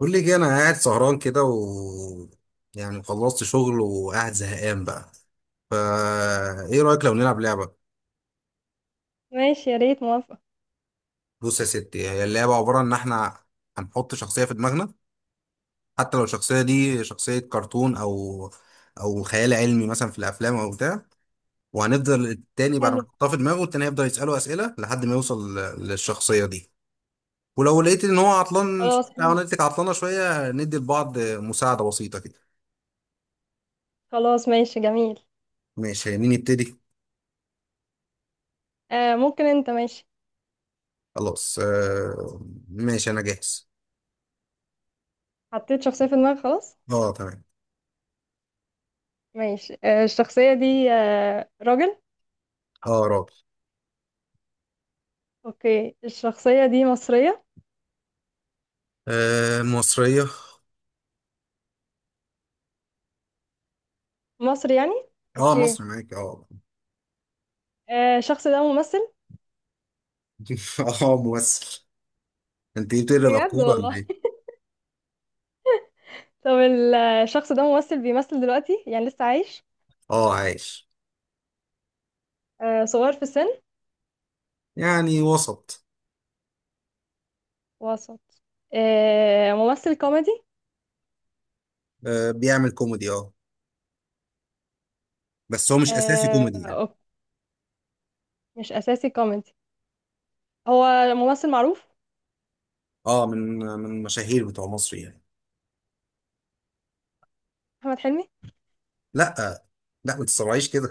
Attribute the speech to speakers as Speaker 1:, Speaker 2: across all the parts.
Speaker 1: بقول لك إيه، انا قاعد سهران كده و يعني خلصت شغل وقاعد زهقان بقى. فا ايه رايك لو نلعب لعبه؟
Speaker 2: ماشي، يا ريت موافقة.
Speaker 1: بص يا ستي، هي اللعبه عباره ان احنا هنحط شخصيه في دماغنا، حتى لو الشخصيه دي شخصيه كرتون او خيال علمي مثلا في الافلام او بتاع. وهنفضل التاني بعد ما
Speaker 2: حلو.
Speaker 1: نحطها في دماغه، التاني هيفضل يساله اسئله لحد ما يوصل للشخصيه دي. ولو لقيت ان هو عطلان
Speaker 2: خلاص،
Speaker 1: شوية او انا لقيتك عطلانه شويه، ندي لبعض مساعده بسيطه كده.
Speaker 2: خلاص، ماشي، جميل.
Speaker 1: ماشي، مين يبتدي؟
Speaker 2: آه، ممكن انت ماشي.
Speaker 1: خلاص آه. ماشي انا جاهز.
Speaker 2: حطيت شخصية في دماغك؟ خلاص.
Speaker 1: اه تمام.
Speaker 2: ماشي، آه الشخصية دي آه راجل؟
Speaker 1: اه راجل.
Speaker 2: اوكي، الشخصية دي مصرية؟
Speaker 1: آه مصرية.
Speaker 2: مصر يعني.
Speaker 1: اه
Speaker 2: اوكي.
Speaker 1: مصري معاك اه.
Speaker 2: آه، الشخص ده ممثل؟
Speaker 1: اه ممثل. انت إيه، بتقري
Speaker 2: بجد
Speaker 1: الافكار ولا
Speaker 2: والله.
Speaker 1: ايه؟
Speaker 2: طب الشخص ده ممثل بيمثل دلوقتي، يعني لسه عايش؟
Speaker 1: اه عايش.
Speaker 2: آه، صغير في السن؟
Speaker 1: يعني وسط.
Speaker 2: وسط. آه، ممثل كوميدي؟
Speaker 1: آه بيعمل كوميدي اه. بس هو مش اساسي
Speaker 2: آه،
Speaker 1: كوميدي يعني.
Speaker 2: أوكي. مش أساسي كوميدي. هو ممثل معروف.
Speaker 1: اه، من المشاهير بتوع مصر يعني.
Speaker 2: أحمد حلمي؟
Speaker 1: لا، لا ما تسرعيش كده.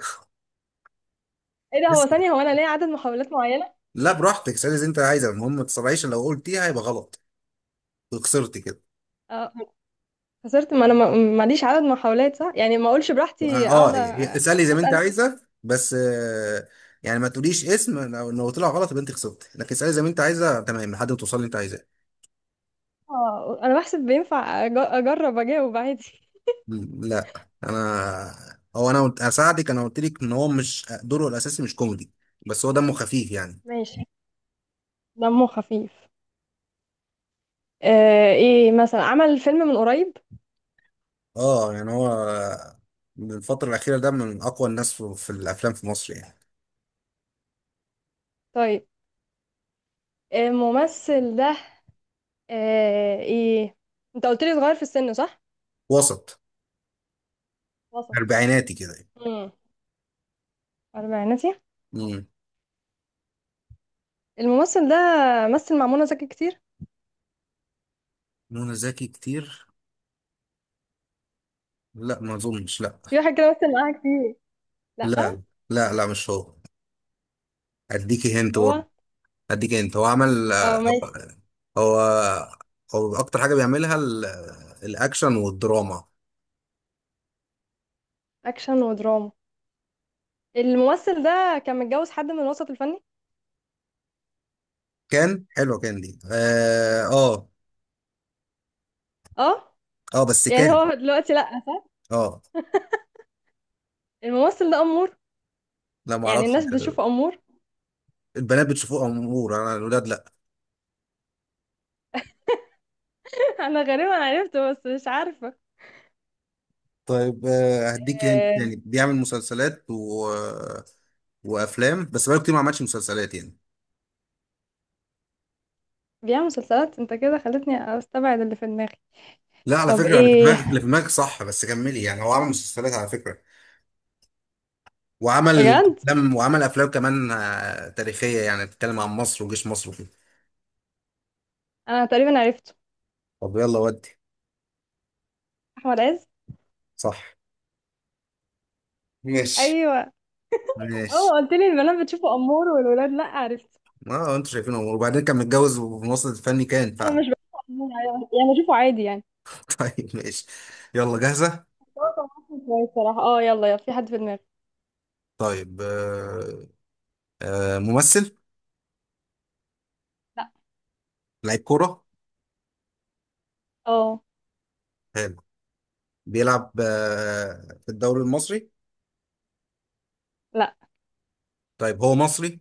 Speaker 2: ايه ده، هو
Speaker 1: اسكت.
Speaker 2: ثانية، هو انا ليا عدد محاولات معينة؟
Speaker 1: لا براحتك اسألي زي انت عايزه، المهم ما تسرعيش، لو قلتيها هيبقى غلط. خسرتي كده.
Speaker 2: اه، خسرت. ما انا ماليش عدد محاولات، صح؟ يعني ما اقولش براحتي اقعد
Speaker 1: اه، اسألي زي ما انت
Speaker 2: اسأل.
Speaker 1: عايزة بس، آه، يعني ما تقوليش اسم، لو طلع غلط يبقى انت خسرت. لكن اسألي زي ما انت عايزة تمام، لحد ما توصلي اللي انت عايزاه.
Speaker 2: اه، انا بحسب بينفع اجرب اجاوب عادي.
Speaker 1: لا. انا هو انا قلت- هساعدك. انا قلت لك ان هو مش دوره الاساسي، مش كوميدي، بس هو دمه خفيف يعني.
Speaker 2: ماشي، دمه خفيف. آه، ايه مثلا عمل فيلم من قريب؟
Speaker 1: اه، يعني هو من الفترة الأخيرة ده من أقوى الناس في الأفلام في مصر يعني.
Speaker 2: طيب. آه، الممثل ده آه ايه، انت قلت لي صغير في السن، صح؟
Speaker 1: وسط،
Speaker 2: وسط.
Speaker 1: أربعيناتي كده يعني.
Speaker 2: امم. اربعيناتي.
Speaker 1: مم.
Speaker 2: الممثل ده مثل مع منى زكي كتير.
Speaker 1: منى زكي كتير. لا ما أظنش، لا.
Speaker 2: في واحد كده مثل معاها كتير. لا.
Speaker 1: لا لا لا، مش هو. أديكي هنت.
Speaker 2: هو.
Speaker 1: هديك انت، هو عمل.
Speaker 2: اه
Speaker 1: هو
Speaker 2: ماشي.
Speaker 1: هو هو اكتر حاجه بيعملها الاكشن والدراما.
Speaker 2: اكشن ودراما. الممثل ده كان متجوز حد من الوسط الفني.
Speaker 1: كان حلوه، كان دي اه اه.
Speaker 2: اه.
Speaker 1: آه، بس
Speaker 2: يعني
Speaker 1: كان.
Speaker 2: هو دلوقتي لا.
Speaker 1: اه.
Speaker 2: الممثل ده امور.
Speaker 1: لا ما
Speaker 2: يعني
Speaker 1: اعرفش،
Speaker 2: الناس بتشوفه امور.
Speaker 1: البنات بتشوفوه امور، انا الولاد لا.
Speaker 2: انا غالبا عرفته بس مش عارفه.
Speaker 1: طيب آه، هديك انت
Speaker 2: آه،
Speaker 1: تاني بيعمل مسلسلات و... وافلام، بس بقاله كتير ما عملش مسلسلات يعني.
Speaker 2: بيعمل مسلسلات، انت كده خلتني استبعد اللي في دماغي.
Speaker 1: لا، على
Speaker 2: طب
Speaker 1: فكره اللي في
Speaker 2: ايه.
Speaker 1: دماغك، صح، بس كملي، يعني هو عمل مسلسلات على فكره، وعمل
Speaker 2: بجد.
Speaker 1: افلام، كمان آه، تاريخيه يعني، بتتكلم عن مصر وجيش مصر.
Speaker 2: انا تقريبا عرفته.
Speaker 1: طب يلا ودي.
Speaker 2: احمد عز.
Speaker 1: صح. ماشي.
Speaker 2: ايوه.
Speaker 1: ماشي،
Speaker 2: اه، قلت لي البنات بتشوفه امور والولاد لا، عرفت.
Speaker 1: ما انتوا شايفين امور، وبعدين كان متجوز وفي مصر الفني كان
Speaker 2: انا
Speaker 1: فعلا.
Speaker 2: مش بشوفه امور، يعني بشوفه عادي يعني.
Speaker 1: طيب ماشي، يلا جاهزة.
Speaker 2: بس هو كان ممثل كويس صراحه. اه، يلا يلا، في حد في دماغي.
Speaker 1: طيب آه. آه ممثل.
Speaker 2: لا.
Speaker 1: لعيب كورة.
Speaker 2: اه.
Speaker 1: حلو. بيلعب آه في الدوري المصري؟
Speaker 2: لا،
Speaker 1: طيب هو مصري؟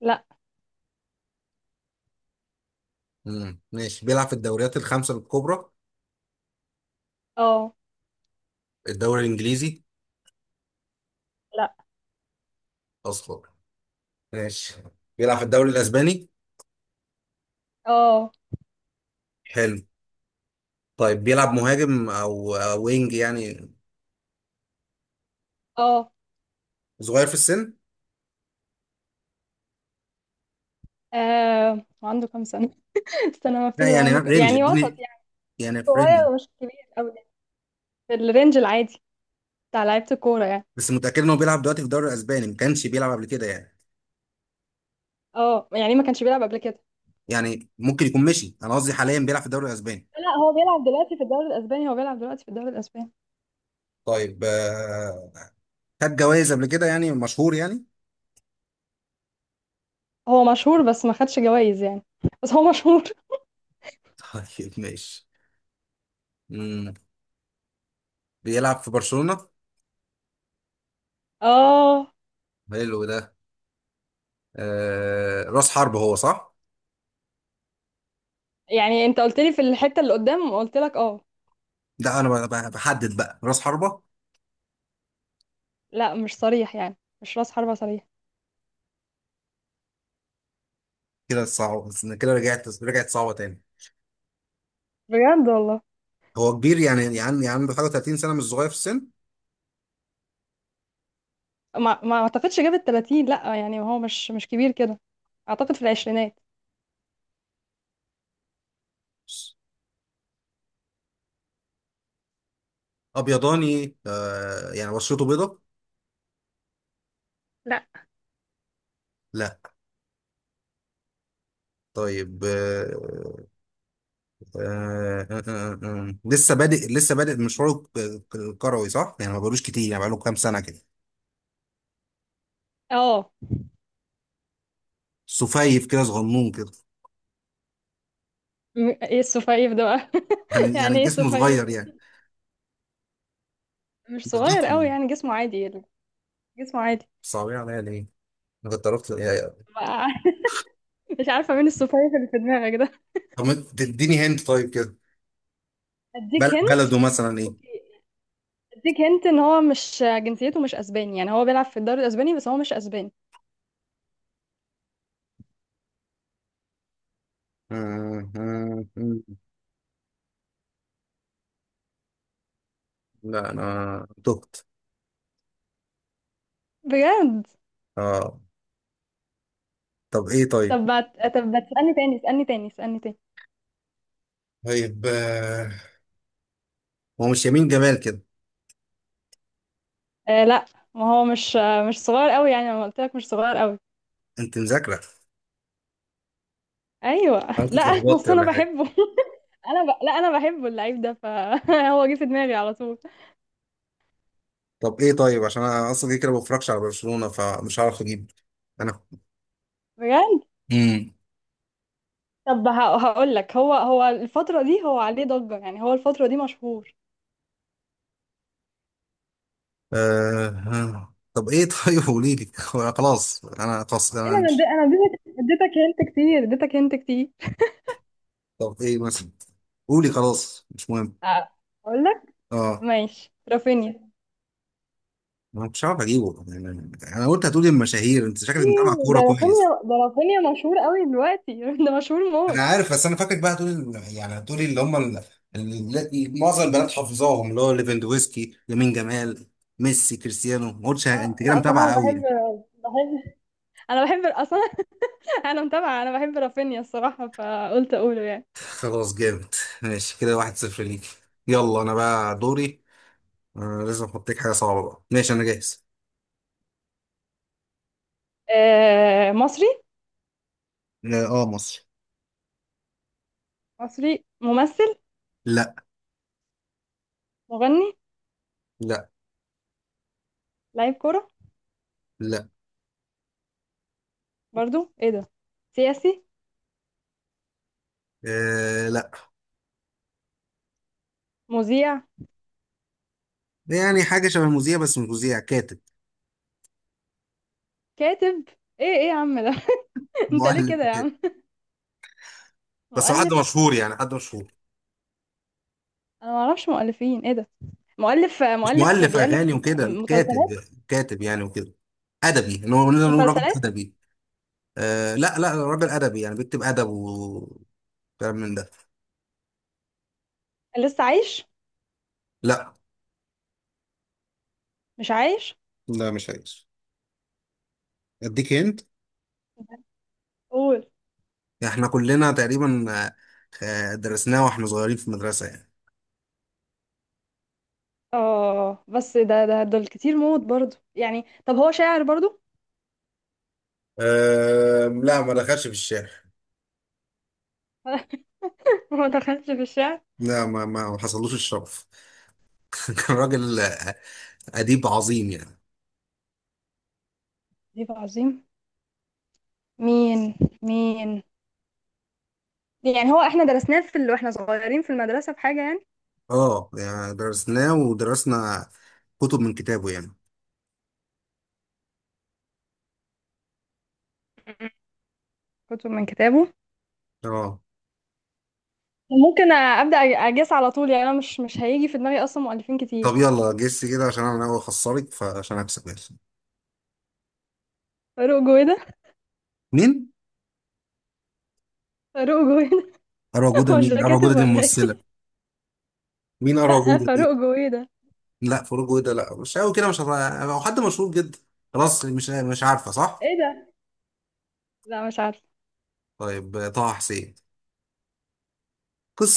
Speaker 2: لا.
Speaker 1: مم. ماشي، بيلعب في الدوريات الخمسة الكبرى.
Speaker 2: اه.
Speaker 1: الدوري الإنجليزي؟
Speaker 2: لا.
Speaker 1: أصلا. ماشي، بيلعب في الدوري الأسباني.
Speaker 2: اه.
Speaker 1: حلو. طيب بيلعب مهاجم أو وينج يعني.
Speaker 2: اه.
Speaker 1: صغير في السن.
Speaker 2: آه، عنده كام سنة؟ استنى، ما
Speaker 1: لا
Speaker 2: افتكره
Speaker 1: يعني،
Speaker 2: عنده كام،
Speaker 1: رينج
Speaker 2: يعني وسط
Speaker 1: اديني،
Speaker 2: يعني.
Speaker 1: يعني
Speaker 2: صغير
Speaker 1: فريندلي.
Speaker 2: ومش كبير قوي يعني. في الرينج العادي بتاع لعيبة الكورة يعني.
Speaker 1: بس متأكد ان هو بيلعب دلوقتي في الدوري الاسباني، ما كانش بيلعب قبل كده يعني.
Speaker 2: اه، يعني ما كانش بيلعب قبل كده.
Speaker 1: يعني ممكن يكون مشي، انا قصدي حاليا بيلعب في الدوري الاسباني.
Speaker 2: لا، هو بيلعب دلوقتي في الدوري الأسباني، هو بيلعب دلوقتي في الدوري الأسباني.
Speaker 1: طيب آه، خد جوائز قبل كده يعني، مشهور يعني.
Speaker 2: هو مشهور بس ما خدش جوائز يعني. بس هو مشهور.
Speaker 1: طيب ماشي. مم. بيلعب في برشلونة.
Speaker 2: اه،
Speaker 1: حلو ده. آه، راس حربة هو، صح؟
Speaker 2: يعني انت قلت لي في الحتة اللي قدام، قلت لك اه.
Speaker 1: ده انا بحدد بقى راس حربة.
Speaker 2: لا، مش صريح يعني. مش راس حربة صريح.
Speaker 1: كده صعب. كده رجعت صعبة تاني.
Speaker 2: بجد والله.
Speaker 1: هو كبير يعني، يعني عنده حاجة 30 سنة، مش صغير في السن.
Speaker 2: ما اعتقدش جاب ال 30، لا، يعني هو مش كبير كده. اعتقد في العشرينات.
Speaker 1: ابيضاني آه، يعني بشرته بيضة.
Speaker 2: لا.
Speaker 1: لا. طيب لسه بادئ مشواره الكروي، صح؟ يعني ما بقالوش كتير يعني، بقاله كام سنة كده.
Speaker 2: اه.
Speaker 1: سفيف كده، صغنون كده.
Speaker 2: ايه السفايف ده بقى.
Speaker 1: يعني
Speaker 2: يعني ايه
Speaker 1: جسمه
Speaker 2: السفايف
Speaker 1: صغير يعني،
Speaker 2: دي. مش
Speaker 1: مش
Speaker 2: صغير
Speaker 1: ضخم
Speaker 2: قوي
Speaker 1: يعني.
Speaker 2: يعني، جسمه عادي. جسمه عادي.
Speaker 1: صعبين عليا ليه؟ انا كنت عرفت يعني.
Speaker 2: بقى- مش عارفه مين السفايف اللي في دماغك ده.
Speaker 1: طب ما تديني هند طيب كده.
Speaker 2: اديك هنت.
Speaker 1: بلده مثلا ايه؟
Speaker 2: اوكي. اديك هنت ان هو مش، جنسيته مش اسباني، يعني هو بيلعب في الدوري الاسباني بس هو مش اسباني.
Speaker 1: آه. لا انا تهت.
Speaker 2: بجد.
Speaker 1: اه. طب ايه طيب؟
Speaker 2: طب ما طب ما تسالني تاني، اسالني تاني، اسالني تاني.
Speaker 1: طيب آه، هو مش يمين جمال كده.
Speaker 2: آه، لا. ما هو مش صغير قوي، يعني انا قلت لك مش صغير قوي.
Speaker 1: انت مذاكرة.
Speaker 2: ايوه.
Speaker 1: انا كنت
Speaker 2: لا،
Speaker 1: اتلخبطت
Speaker 2: اصل انا
Speaker 1: ولا حاجة.
Speaker 2: بحبه. لا، انا بحبه، اللعيب ده، فهو جه في دماغي على طول.
Speaker 1: طب ايه طيب، عشان انا اصلا كده كده ما بفرجش على برشلونة، فمش هعرف اجيب. انا.
Speaker 2: بجد.
Speaker 1: امم.
Speaker 2: طب هقول لك، هو الفترة دي هو عليه ضجة، يعني هو الفترة دي مشهور.
Speaker 1: طب ايه طيب؟ قولي لي. خلاص، انا خلاص
Speaker 2: ايه
Speaker 1: انا
Speaker 2: ده،
Speaker 1: مش.
Speaker 2: انا اديتك هنت كتير، اديتك هنت كتير.
Speaker 1: طب ايه مثلا؟ قولي، خلاص مش مهم.
Speaker 2: أ- اقول لك.
Speaker 1: اه.
Speaker 2: ماشي، رافينيا.
Speaker 1: ما كنتش عارف اجيبه يعني. انا قلت هتقولي المشاهير، انت شكلك متابع
Speaker 2: ايه
Speaker 1: كوره
Speaker 2: ده
Speaker 1: كويس.
Speaker 2: رافينيا ده رافينيا مشهور قوي دلوقتي. ده مشهور
Speaker 1: انا
Speaker 2: موت.
Speaker 1: عارف، بس انا فاكرك بقى هتقولي يعني هتقولي اللي هم معظم البنات حافظاهم، اللي هو ليفاندوفسكي، يمين جمال، ميسي، كريستيانو. ما قلتش.
Speaker 2: اه،
Speaker 1: انت كده
Speaker 2: لا، اصل انا
Speaker 1: متابع
Speaker 2: بحب
Speaker 1: قوي.
Speaker 2: بحب انا بحب اصلا. انا متابعة، انا بحب رافينيا الصراحة فقلت اقوله يعني.
Speaker 1: خلاص جامد. ماشي كده، واحد صفر ليك. يلا انا بقى دوري. آه، لازم احط لك حاجه صعبه بقى. ماشي، انا جاهز.
Speaker 2: آه، مصري.
Speaker 1: اه. آه مصر.
Speaker 2: مصري ممثل.
Speaker 1: لا.
Speaker 2: مغني.
Speaker 1: لا.
Speaker 2: لعيب كرة.
Speaker 1: لا.
Speaker 2: برضو ايه ده. سياسي.
Speaker 1: آه لا.
Speaker 2: مذيع.
Speaker 1: يعني حاجه شبه مذيع، بس مش مذيع، كاتب.
Speaker 2: كاتب. ايه ايه يا عم ده. انت ليه
Speaker 1: مؤلف
Speaker 2: كده يا
Speaker 1: وكده.
Speaker 2: عم.
Speaker 1: بس هو حد
Speaker 2: مؤلف.
Speaker 1: مشهور يعني، حد مشهور.
Speaker 2: انا ما اعرفش مؤلفين، ايه ده. مؤلف
Speaker 1: مش
Speaker 2: مؤلف
Speaker 1: مؤلف اغاني
Speaker 2: بيألف
Speaker 1: وكده، كاتب.
Speaker 2: مسلسلات.
Speaker 1: كاتب يعني وكده. ادبي، ان هو نقدر نقول راجل
Speaker 2: مسلسلات.
Speaker 1: ادبي. آه لا لا، راجل ادبي يعني، بيكتب ادب وكلام من ده.
Speaker 2: لسه عايش.
Speaker 1: لا.
Speaker 2: مش عايش.
Speaker 1: لا مش عايز. اديك هنت،
Speaker 2: قول.
Speaker 1: يعني احنا كلنا تقريبا آه، آه، درسناه واحنا صغيرين في المدرسة يعني.
Speaker 2: اه، بس ده ده دول كتير موت برضو يعني. طب هو شاعر برضو.
Speaker 1: أه لا، ما دخلش في الشارع.
Speaker 2: ما دخلش في الشعر.
Speaker 1: لا ما حصلوش الشرف. كان راجل آه، أديب عظيم يعني.
Speaker 2: عجيب عظيم. مين؟ مين؟ يعني هو احنا درسناه واحنا صغيرين في المدرسة في حاجة يعني.
Speaker 1: اه، يعني درسناه ودرسنا كتب من كتابه يعني.
Speaker 2: م- كتب من كتابه.
Speaker 1: اه.
Speaker 2: ممكن ابدا اجس على طول يعني، انا مش هيجي في دماغي اصلا مؤلفين كتير.
Speaker 1: طب يلا جس كده، عشان انا ناوي اخسرك فعشان اكسب، يلا.
Speaker 2: فاروق جويدة.
Speaker 1: مين؟
Speaker 2: فاروق جويدة.
Speaker 1: أروى جودة
Speaker 2: هو مش
Speaker 1: مين؟
Speaker 2: ده
Speaker 1: أروى جودة
Speaker 2: كاتب
Speaker 1: دي
Speaker 2: ولا ايه.
Speaker 1: ممثلة. مين أروى
Speaker 2: لا،
Speaker 1: جودة
Speaker 2: فاروق
Speaker 1: دي؟
Speaker 2: جويدة.
Speaker 1: لا فاروق جودة، لا مش قوي كده، مش هت- هو حد مشهور جدا. خلاص، مش عارفة، صح؟
Speaker 2: ايه ده. لا، مش عارفه.
Speaker 1: طيب، طه حسين،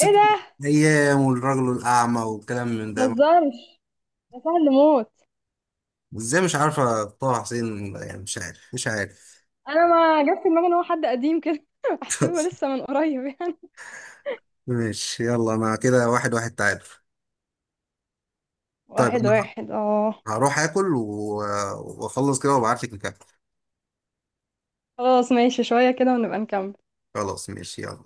Speaker 2: ايه ده.
Speaker 1: أيام والرجل الأعمى والكلام من ده.
Speaker 2: متهزرش، ده سهل موت.
Speaker 1: إزاي مش عارفة طه حسين يعني، مش عارف مش عارف.
Speaker 2: انا ما جت في دماغي ان هو حد قديم كده، بحسبه لسه من قريب يعني.
Speaker 1: ماشي يلا. أنا كده واحد واحد، تعادل. طيب
Speaker 2: واحد
Speaker 1: أنا
Speaker 2: واحد، اه.
Speaker 1: هروح آكل وأخلص كده وأبعتلك نكمل.
Speaker 2: خلاص ماشي، شوية كده ونبقى نكمل.
Speaker 1: خلاص ماشي يلا.